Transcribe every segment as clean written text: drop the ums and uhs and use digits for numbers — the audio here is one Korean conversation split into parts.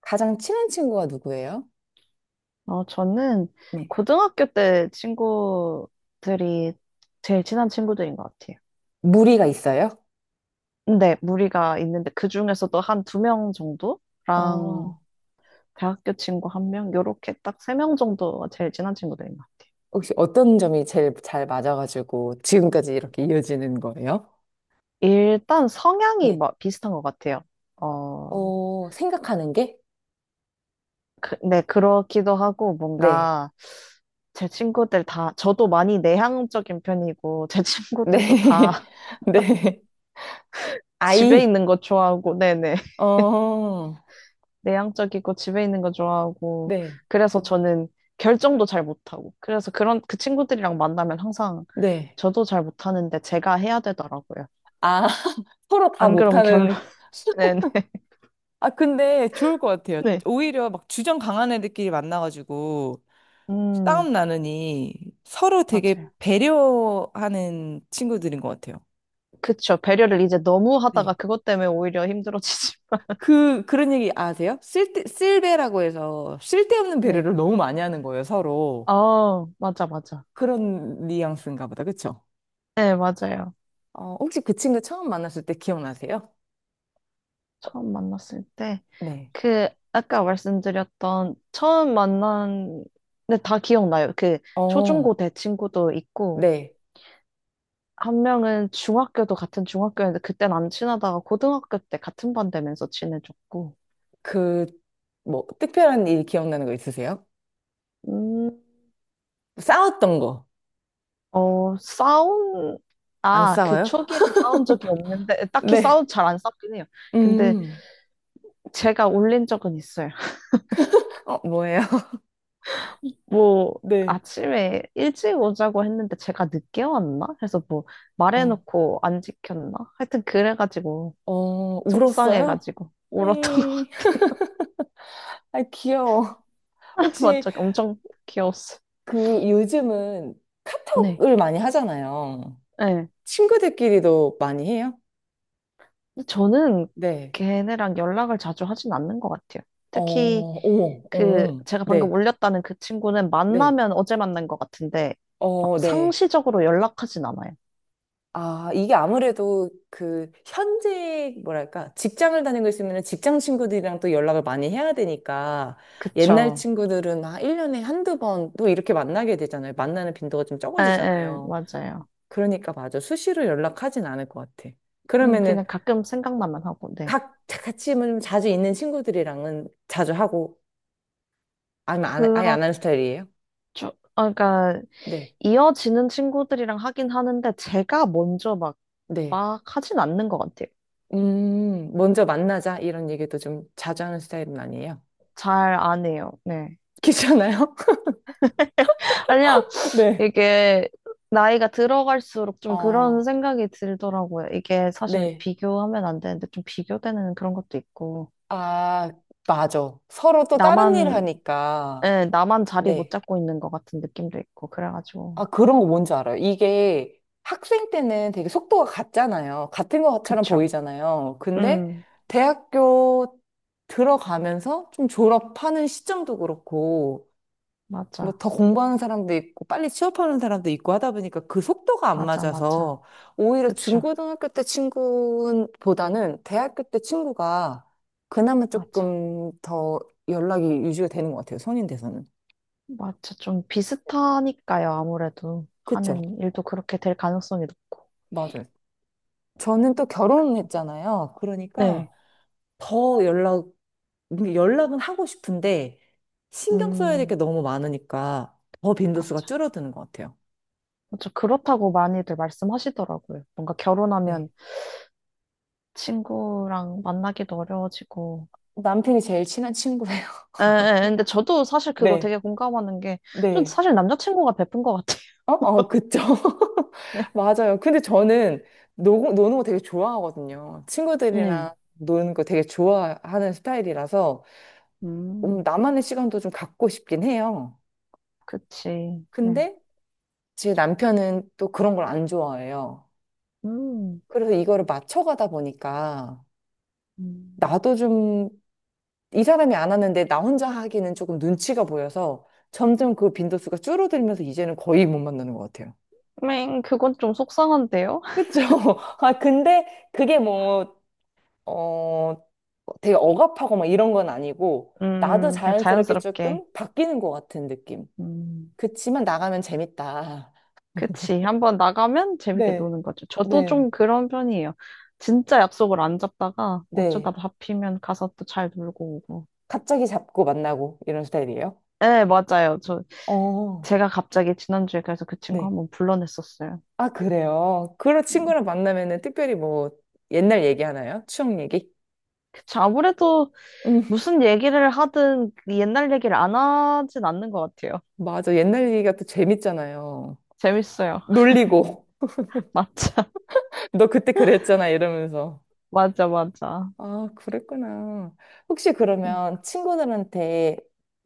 가장 친한 친구가 누구예요? 저는 네. 고등학교 때 친구들이 제일 친한 친구들인 것 같아요. 무리가 있어요? 근데 무리가 있는데 그 중에서도 한 두 명 정도랑 어, 대학교 친구 1명, 요렇게 딱 3명 정도가 제일 친한 친구들인 것 같아요. 혹시 어떤 점이 제일 잘 맞아가지고 지금까지 이렇게 이어지는 거예요? 일단 성향이 네. 뭐 비슷한 것 같아요. 어, 어, 생각하는 게? 네, 그렇기도 하고 네. 뭔가 제 친구들 다, 저도 많이 내향적인 편이고 제 네. 친구들도 다 네. 집에 아이. 있는 거 좋아하고, 네네. 어. 내향적이고 집에 있는 거 좋아하고 네. 그래서 저는 결정도 잘 못하고 그래서 그런 그 친구들이랑 만나면 항상 네. 저도 잘 못하는데 제가 해야 되더라고요. 아, 서로 다 안 그럼 결론 못하는. 네네 아, 근데 좋을 것 같아요. 네. 오히려 막 주전 강한 애들끼리 만나가지고 음 싸움 나느니 서로 되게 맞아요. 배려하는 친구들인 것 같아요. 그쵸, 배려를 이제 너무 하다가 네. 그것 때문에 오히려 힘들어지지. 그런 얘기 아세요? 쓸배라고 해서 쓸데없는 네. 배려를 너무 많이 하는 거예요, 서로. 아, 맞아 맞아. 그런 뉘앙스인가 보다, 그쵸? 네, 맞아요. 어, 혹시 그 친구 처음 만났을 때 기억나세요? 어, 처음 만났을 때 네. 그 아까 말씀드렸던 처음 만난, 근데 다 기억나요. 어, 초중고 대 친구도 있고 네. 한 명은 중학교도 같은 중학교였는데 그땐 안 친하다가 고등학교 때 같은 반 되면서 친해졌고. 그, 뭐, 특별한 일 기억나는 거 있으세요? 음, 싸웠던 거. 어, 싸운, 안 아, 그 싸워요? 초기에는 싸운 적이 없는데, 딱히 네. 싸운, 잘 안 싸우긴 해요. 근데 음, 제가 올린 적은 있어요. 어, 뭐예요? 뭐, 네. 아침에 일찍 오자고 했는데 제가 늦게 왔나? 해서 뭐, 어, 말해놓고 안 지켰나? 하여튼 그래가지고, 어, 울었어요? 속상해가지고, 울었던 것 음, 같아요. 아, 귀여워. 혹시 맞죠? 엄청 귀여웠어요. 그 요즘은 네. 을 많이 하잖아요. 네. 친구들끼리도 많이 해요? 근데 저는 네, 걔네랑 연락을 자주 하진 않는 것 같아요. 어, 특히 어머, 그 어, 제가 네, 방금 올렸다는 그 친구는 네, 만나면 어제 만난 것 같은데 어, 막 네. 상시적으로 연락하진 않아요. 아, 이게 아무래도 그 현재 뭐랄까 직장을 다니고 있으면 직장 친구들이랑 또 연락을 많이 해야 되니까 옛날 그쵸. 친구들은 아, 1년에 한두 번 또 이렇게 만나게 되잖아요. 만나는 빈도가 좀 에, 에, 적어지잖아요. 맞아요. 그러니까 맞아. 수시로 연락하진 않을 것 같아. 그러면은 그냥 가끔 생각만 하고, 네. 각 같이 뭐 자주 있는 친구들이랑은 자주 하고 아니면 안, 아예 안 그렇죠. 하는 스타일이에요? 아, 그러니까 네, 이어지는 친구들이랑 하긴 하는데 제가 먼저 막, 네. 막 하진 않는 것 같아요. 먼저 만나자 이런 얘기도 좀 자주 하는 스타일은 아니에요. 잘 안 해요. 네. 귀찮아요? 아니, 네. 이게 나이가 들어갈수록 좀 그런 아 생각이 들더라고요. 이게 사실 네. 비교하면 안 되는데 좀 비교되는 그런 것도 있고, 아, 맞아. 서로 또 다른 일 나만, 하니까. 예, 나만 자리 못 네. 잡고 있는 것 같은 느낌도 있고, 그래가지고. 아, 그런 거 뭔지 알아요. 이게 학생 때는 되게 속도가 같잖아요. 같은 것처럼 그쵸. 보이잖아요. 근데 음, 대학교 들어가면서 좀 졸업하는 시점도 그렇고, 뭐 맞아. 더 공부하는 사람도 있고 빨리 취업하는 사람도 있고 하다 보니까 그 속도가 안 맞아, 맞아. 맞아서 오히려 그쵸. 중고등학교 때 친구보다는 대학교 때 친구가 그나마 맞아. 조금 더 연락이 유지가 되는 것 같아요. 성인 돼서는. 맞아. 좀 네. 비슷하니까요, 아무래도. 그쵸? 하는 일도 그렇게 될 가능성이 높고. 맞아요. 저는 또 그- 결혼했잖아요. 네. 그러니까 더 연락, 연락은 하고 싶은데 신경 써야 될 음, 게 너무 많으니까 더 빈도수가 맞아. 줄어드는 것 같아요. 맞아. 그렇다고 많이들 말씀하시더라고요. 뭔가 네. 결혼하면 친구랑 만나기도 어려워지고. 남편이 제일 친한 친구예요. 에, 에, 근데 저도 사실 그거 네. 되게 공감하는 게, 좀 네. 사실 남자친구가 베푼 것 같아요. 어, 어, 그쵸. 네. 맞아요. 근데 저는 노는 거 되게 좋아하거든요. 네. 친구들이랑 노는 거 되게 좋아하는 스타일이라서 음. 나만의 시간도 좀 갖고 싶긴 해요. 그치. 네. 근데 제 남편은 또 그런 걸 안 좋아해요. 음. 그래서 이거를 맞춰가다 보니까 음. 나도 좀 이 사람이 안 하는데 나 혼자 하기는 조금 눈치가 보여서 점점 그 빈도수가 줄어들면서 이제는 거의 못 만나는 것 같아요. 맹, 그건 좀 속상한데요? 그쵸? 아, 근데 그게 뭐, 어, 되게 억압하고 막 이런 건 아니고 나도 그냥 자연스럽게 자연스럽게. 조금 바뀌는 것 같은 느낌. 음, 그치만 나가면 재밌다. 그치. 한번 나가면 재밌게 네, 노는 거죠. 저도 네. 좀 그런 편이에요. 진짜 약속을 안 잡다가 어쩌다 네. 잡히면 가서 또 잘 놀고 오고. 갑자기 잡고 만나고 이런 스타일이에요? 네, 맞아요. 어, 제가 갑자기 지난주에 그래서 그 친구 네. 한번 불러냈었어요. 아, 그래요. 그런 네. 친구랑 만나면은 특별히 뭐 옛날 얘기 하나요? 추억 얘기? 그쵸. 아무래도 음, 무슨 얘기를 하든 그 옛날 얘기를 안 하진 않는 것 같아요. 맞아. 옛날 얘기가 또 재밌잖아요. 재밌어요. 놀리고. 맞아, 너 그때 그랬잖아. 이러면서. 맞아, 맞아. 아, 그랬구나. 혹시 음, 그러면 친구들한테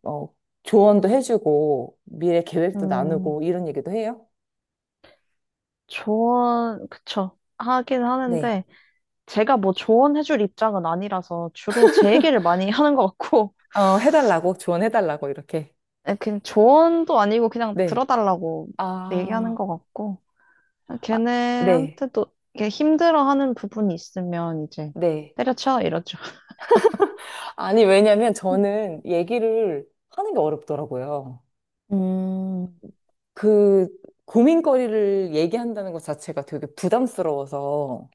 어, 조언도 해주고 미래 계획도 음, 나누고 이런 얘기도 해요? 조언, 그쵸. 하긴 네. 하는데, 제가 뭐 조언해줄 입장은 아니라서 주로 제 얘기를 많이 하는 것 같고, 어, 해달라고, 조언해달라고, 이렇게. 예, 그냥 조언도 아니고 그냥 네. 들어달라고 얘기하는 아, 것 같고, 아, 아, 네, 걔네한테도 이렇게 힘들어하는 부분이 있으면 이제 네. 때려쳐 이러죠. 아니, 왜냐면 저는 얘기를 하는 게 어렵더라고요. 음, 그 고민거리를 얘기한다는 것 자체가 되게 부담스러워서,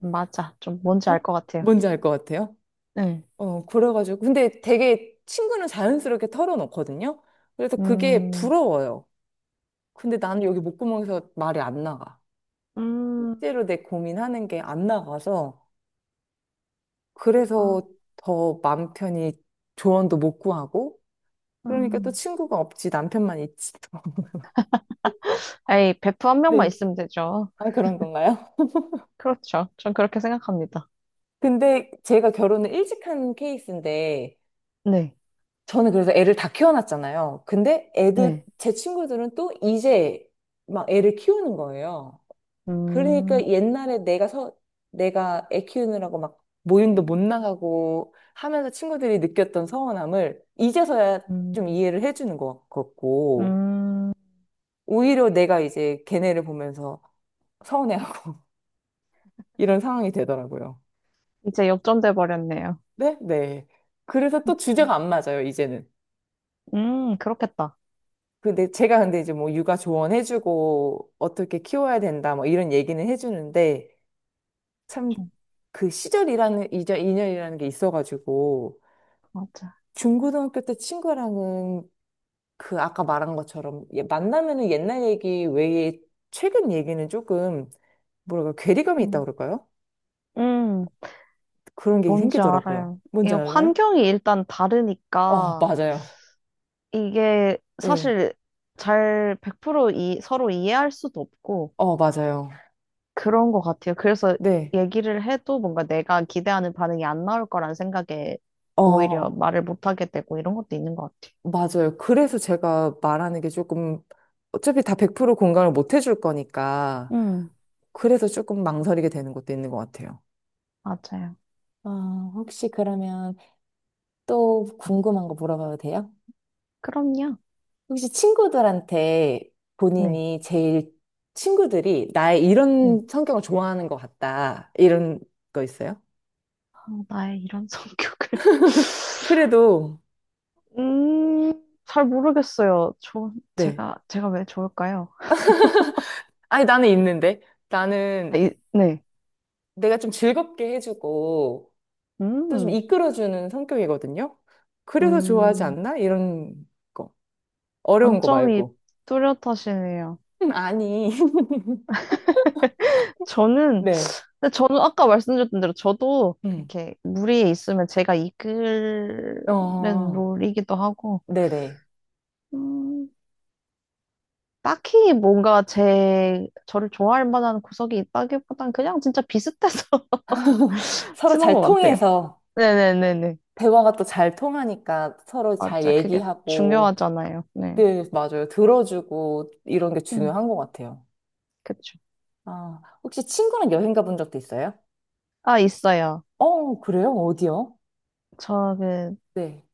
맞아. 좀 뭔지 어? 알 것 같아요. 뭔지 알 것 같아요? 네. 어, 그래가지고. 근데 되게 친구는 자연스럽게 털어놓거든요? 그래서 그게 음, 부러워요. 근데 나는 여기 목구멍에서 말이 안 나가. 음, 실제로 내 고민하는 게 안 나가서. 자, 그래서 더 마음 편히 조언도 못 구하고. 그러니까 또 음. 친구가 없지, 남편만 있지. 또. 에이, 베프 한 명만 네. 있으면 되죠. 아, 그런 건가요? 그렇죠. 전 그렇게 생각합니다. 근데 제가 결혼을 일찍 한 케이스인데, 네. 저는 그래서 애를 다 키워놨잖아요. 근데 애들, 네. 제 친구들은 또 이제 막 애를 키우는 거예요. 음, 그러니까 내가 애 키우느라고 막 모임도 못 나가고 하면서 친구들이 느꼈던 서운함을 이제서야 좀 음, 이해를 해주는 것 같고, 음, 오히려 내가 이제 걔네를 보면서 서운해하고 이런 상황이 되더라고요. 이제 역전돼 버렸네요. 네? 네. 그래서 또 주제가 안 맞아요, 이제는. 그렇겠다. 근데 제가 근데 이제 뭐 육아 조언해주고 어떻게 키워야 된다 뭐 이런 얘기는 해주는데 참 좀, 이절 인연이라는 게 있어가지고 맞아. 중고등학교 때 친구랑은 그 아까 말한 것처럼 얘 만나면은 옛날 얘기 외에 최근 얘기는 조금 뭐랄까 괴리감이 있다고 음, 그럴까요? 음. 그런 게 뭔지 생기더라고요. 알아요. 이 뭔지 알아요? 환경이 일단 어, 다르니까 맞아요. 이게 네. 사실 잘 100% 이, 서로 이해할 수도 없고 어, 맞아요. 그런 것 같아요. 그래서 네. 얘기를 해도 뭔가 내가 기대하는 반응이 안 나올 거란 생각에 오히려 어, 말을 못 하게 되고 이런 것도 있는 것 맞아요. 그래서 제가 말하는 게 조금 어차피 다 100% 공감을 못 해줄 거니까 음. 그래서 조금 망설이게 되는 것도 있는 것 같아요. 같아요. 맞아요. 아, 혹시 그러면 또 네. 궁금한 거 물어봐도 돼요? 그럼요. 혹시 친구들한테 네. 본인이 제일 친구들이 나의 네. 이런 성격을 좋아하는 것 같다. 이런 거 있어요? 아, 나의 이런 성격을. 그래도, 음, 잘 모르겠어요. 네. 제가 왜 좋을까요? 아니, 나는 있는데. 나는 아, 네. 내가 좀 즐겁게 해주고 또 좀 음. 이끌어주는 성격이거든요. 그래서 좋아하지 음, 않나? 이런 거. 어려운 거 강점이 말고. 뚜렷하시네요. 아니. 저는, 네. 근데 저는 아까 말씀드렸던 대로 저도 음. 이렇게 무리에 있으면 제가 이끄는 어, 롤이기도 하고, 네네. 음, 딱히 뭔가 제, 저를 좋아할 만한 구석이 있다기보단 그냥 진짜 비슷해서 서로 친한 잘 것 같아요. 통해서, 네네네네. 대화가 또 잘 통하니까 서로 잘 맞아. 그게 얘기하고, 중요하잖아요. 네. 네, 맞아요. 들어주고 이런 게 음, 중요한 것 같아요. 그쵸. 아, 혹시 친구랑 여행 가본 적도 있어요? 아, 있어요. 어, 그래요? 어디요? 저 네.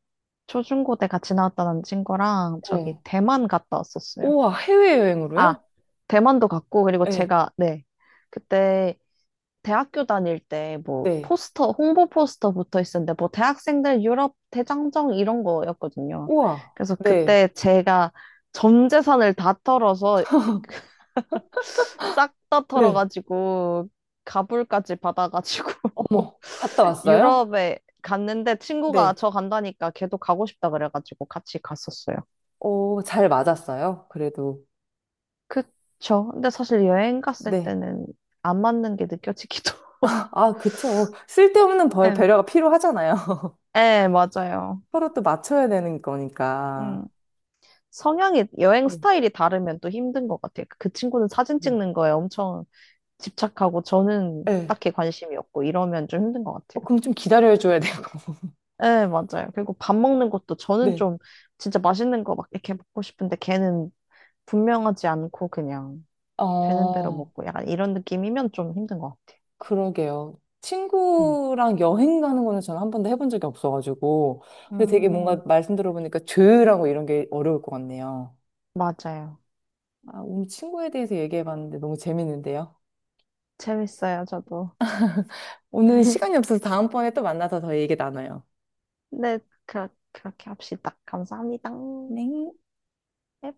초중고때 같이 나왔던 친구랑 저기 네. 대만 갔다 왔었어요. 우와, 아, 해외여행으로요? 대만도 갔고, 그리고 네. 네. 그때 대학교 다닐 때 뭐 네. 포스터, 홍보 포스터 붙어 있었는데 뭐 대학생들 유럽 대장정 이런 거였거든요. 우와, 그래서 네. 그때 제가 전 재산을 다 털어서 싹 다 네. 털어가지고 가불까지 받아가지고 어머. 갔다 왔어요? 유럽에 갔는데 친구가 네. 저 간다니까 걔도 가고 싶다 그래가지고 같이 갔었어요. 어, 잘 맞았어요. 그래도. 그쵸. 근데 사실 여행 갔을 네. 때는 안 맞는 게 느껴지기도. 아, 그쵸. 쓸데없는 벌 예, 배려가 필요하잖아요. 예, 맞아요. 서로 또 맞춰야 되는 음. 거니까. 성향이, 여행 네, 스타일이 다르면 또 힘든 것 같아요. 그 친구는 사진 네. 찍는 거에 엄청 집착하고 저는 네. 딱히 관심이 없고 이러면 좀 힘든 것 어, 같아요. 그럼 좀 기다려줘야 되고. 예, 맞아요. 그리고 밥 먹는 것도 저는 네. 좀 진짜 맛있는 거 막 이렇게 먹고 싶은데 걔는 분명하지 않고 그냥 되는 대로 어, 먹고 약간 이런 느낌이면 좀 힘든 것 같아요. 그러게요. 음, 친구랑 여행 가는 거는 저는 한 번도 해본 적이 없어가지고. 근데 되게 뭔가 음, 말씀 들어보니까 조율하고 이런 게 어려울 것 같네요. 맞아요. 아, 오늘 친구에 대해서 얘기해봤는데 너무 재밌는데요. 재밌어요, 저도. 오늘 시간이 없어서 다음번에 또 만나서 더 얘기 나눠요. 네, 그렇게 합시다. 감사합니다. 네. 넵.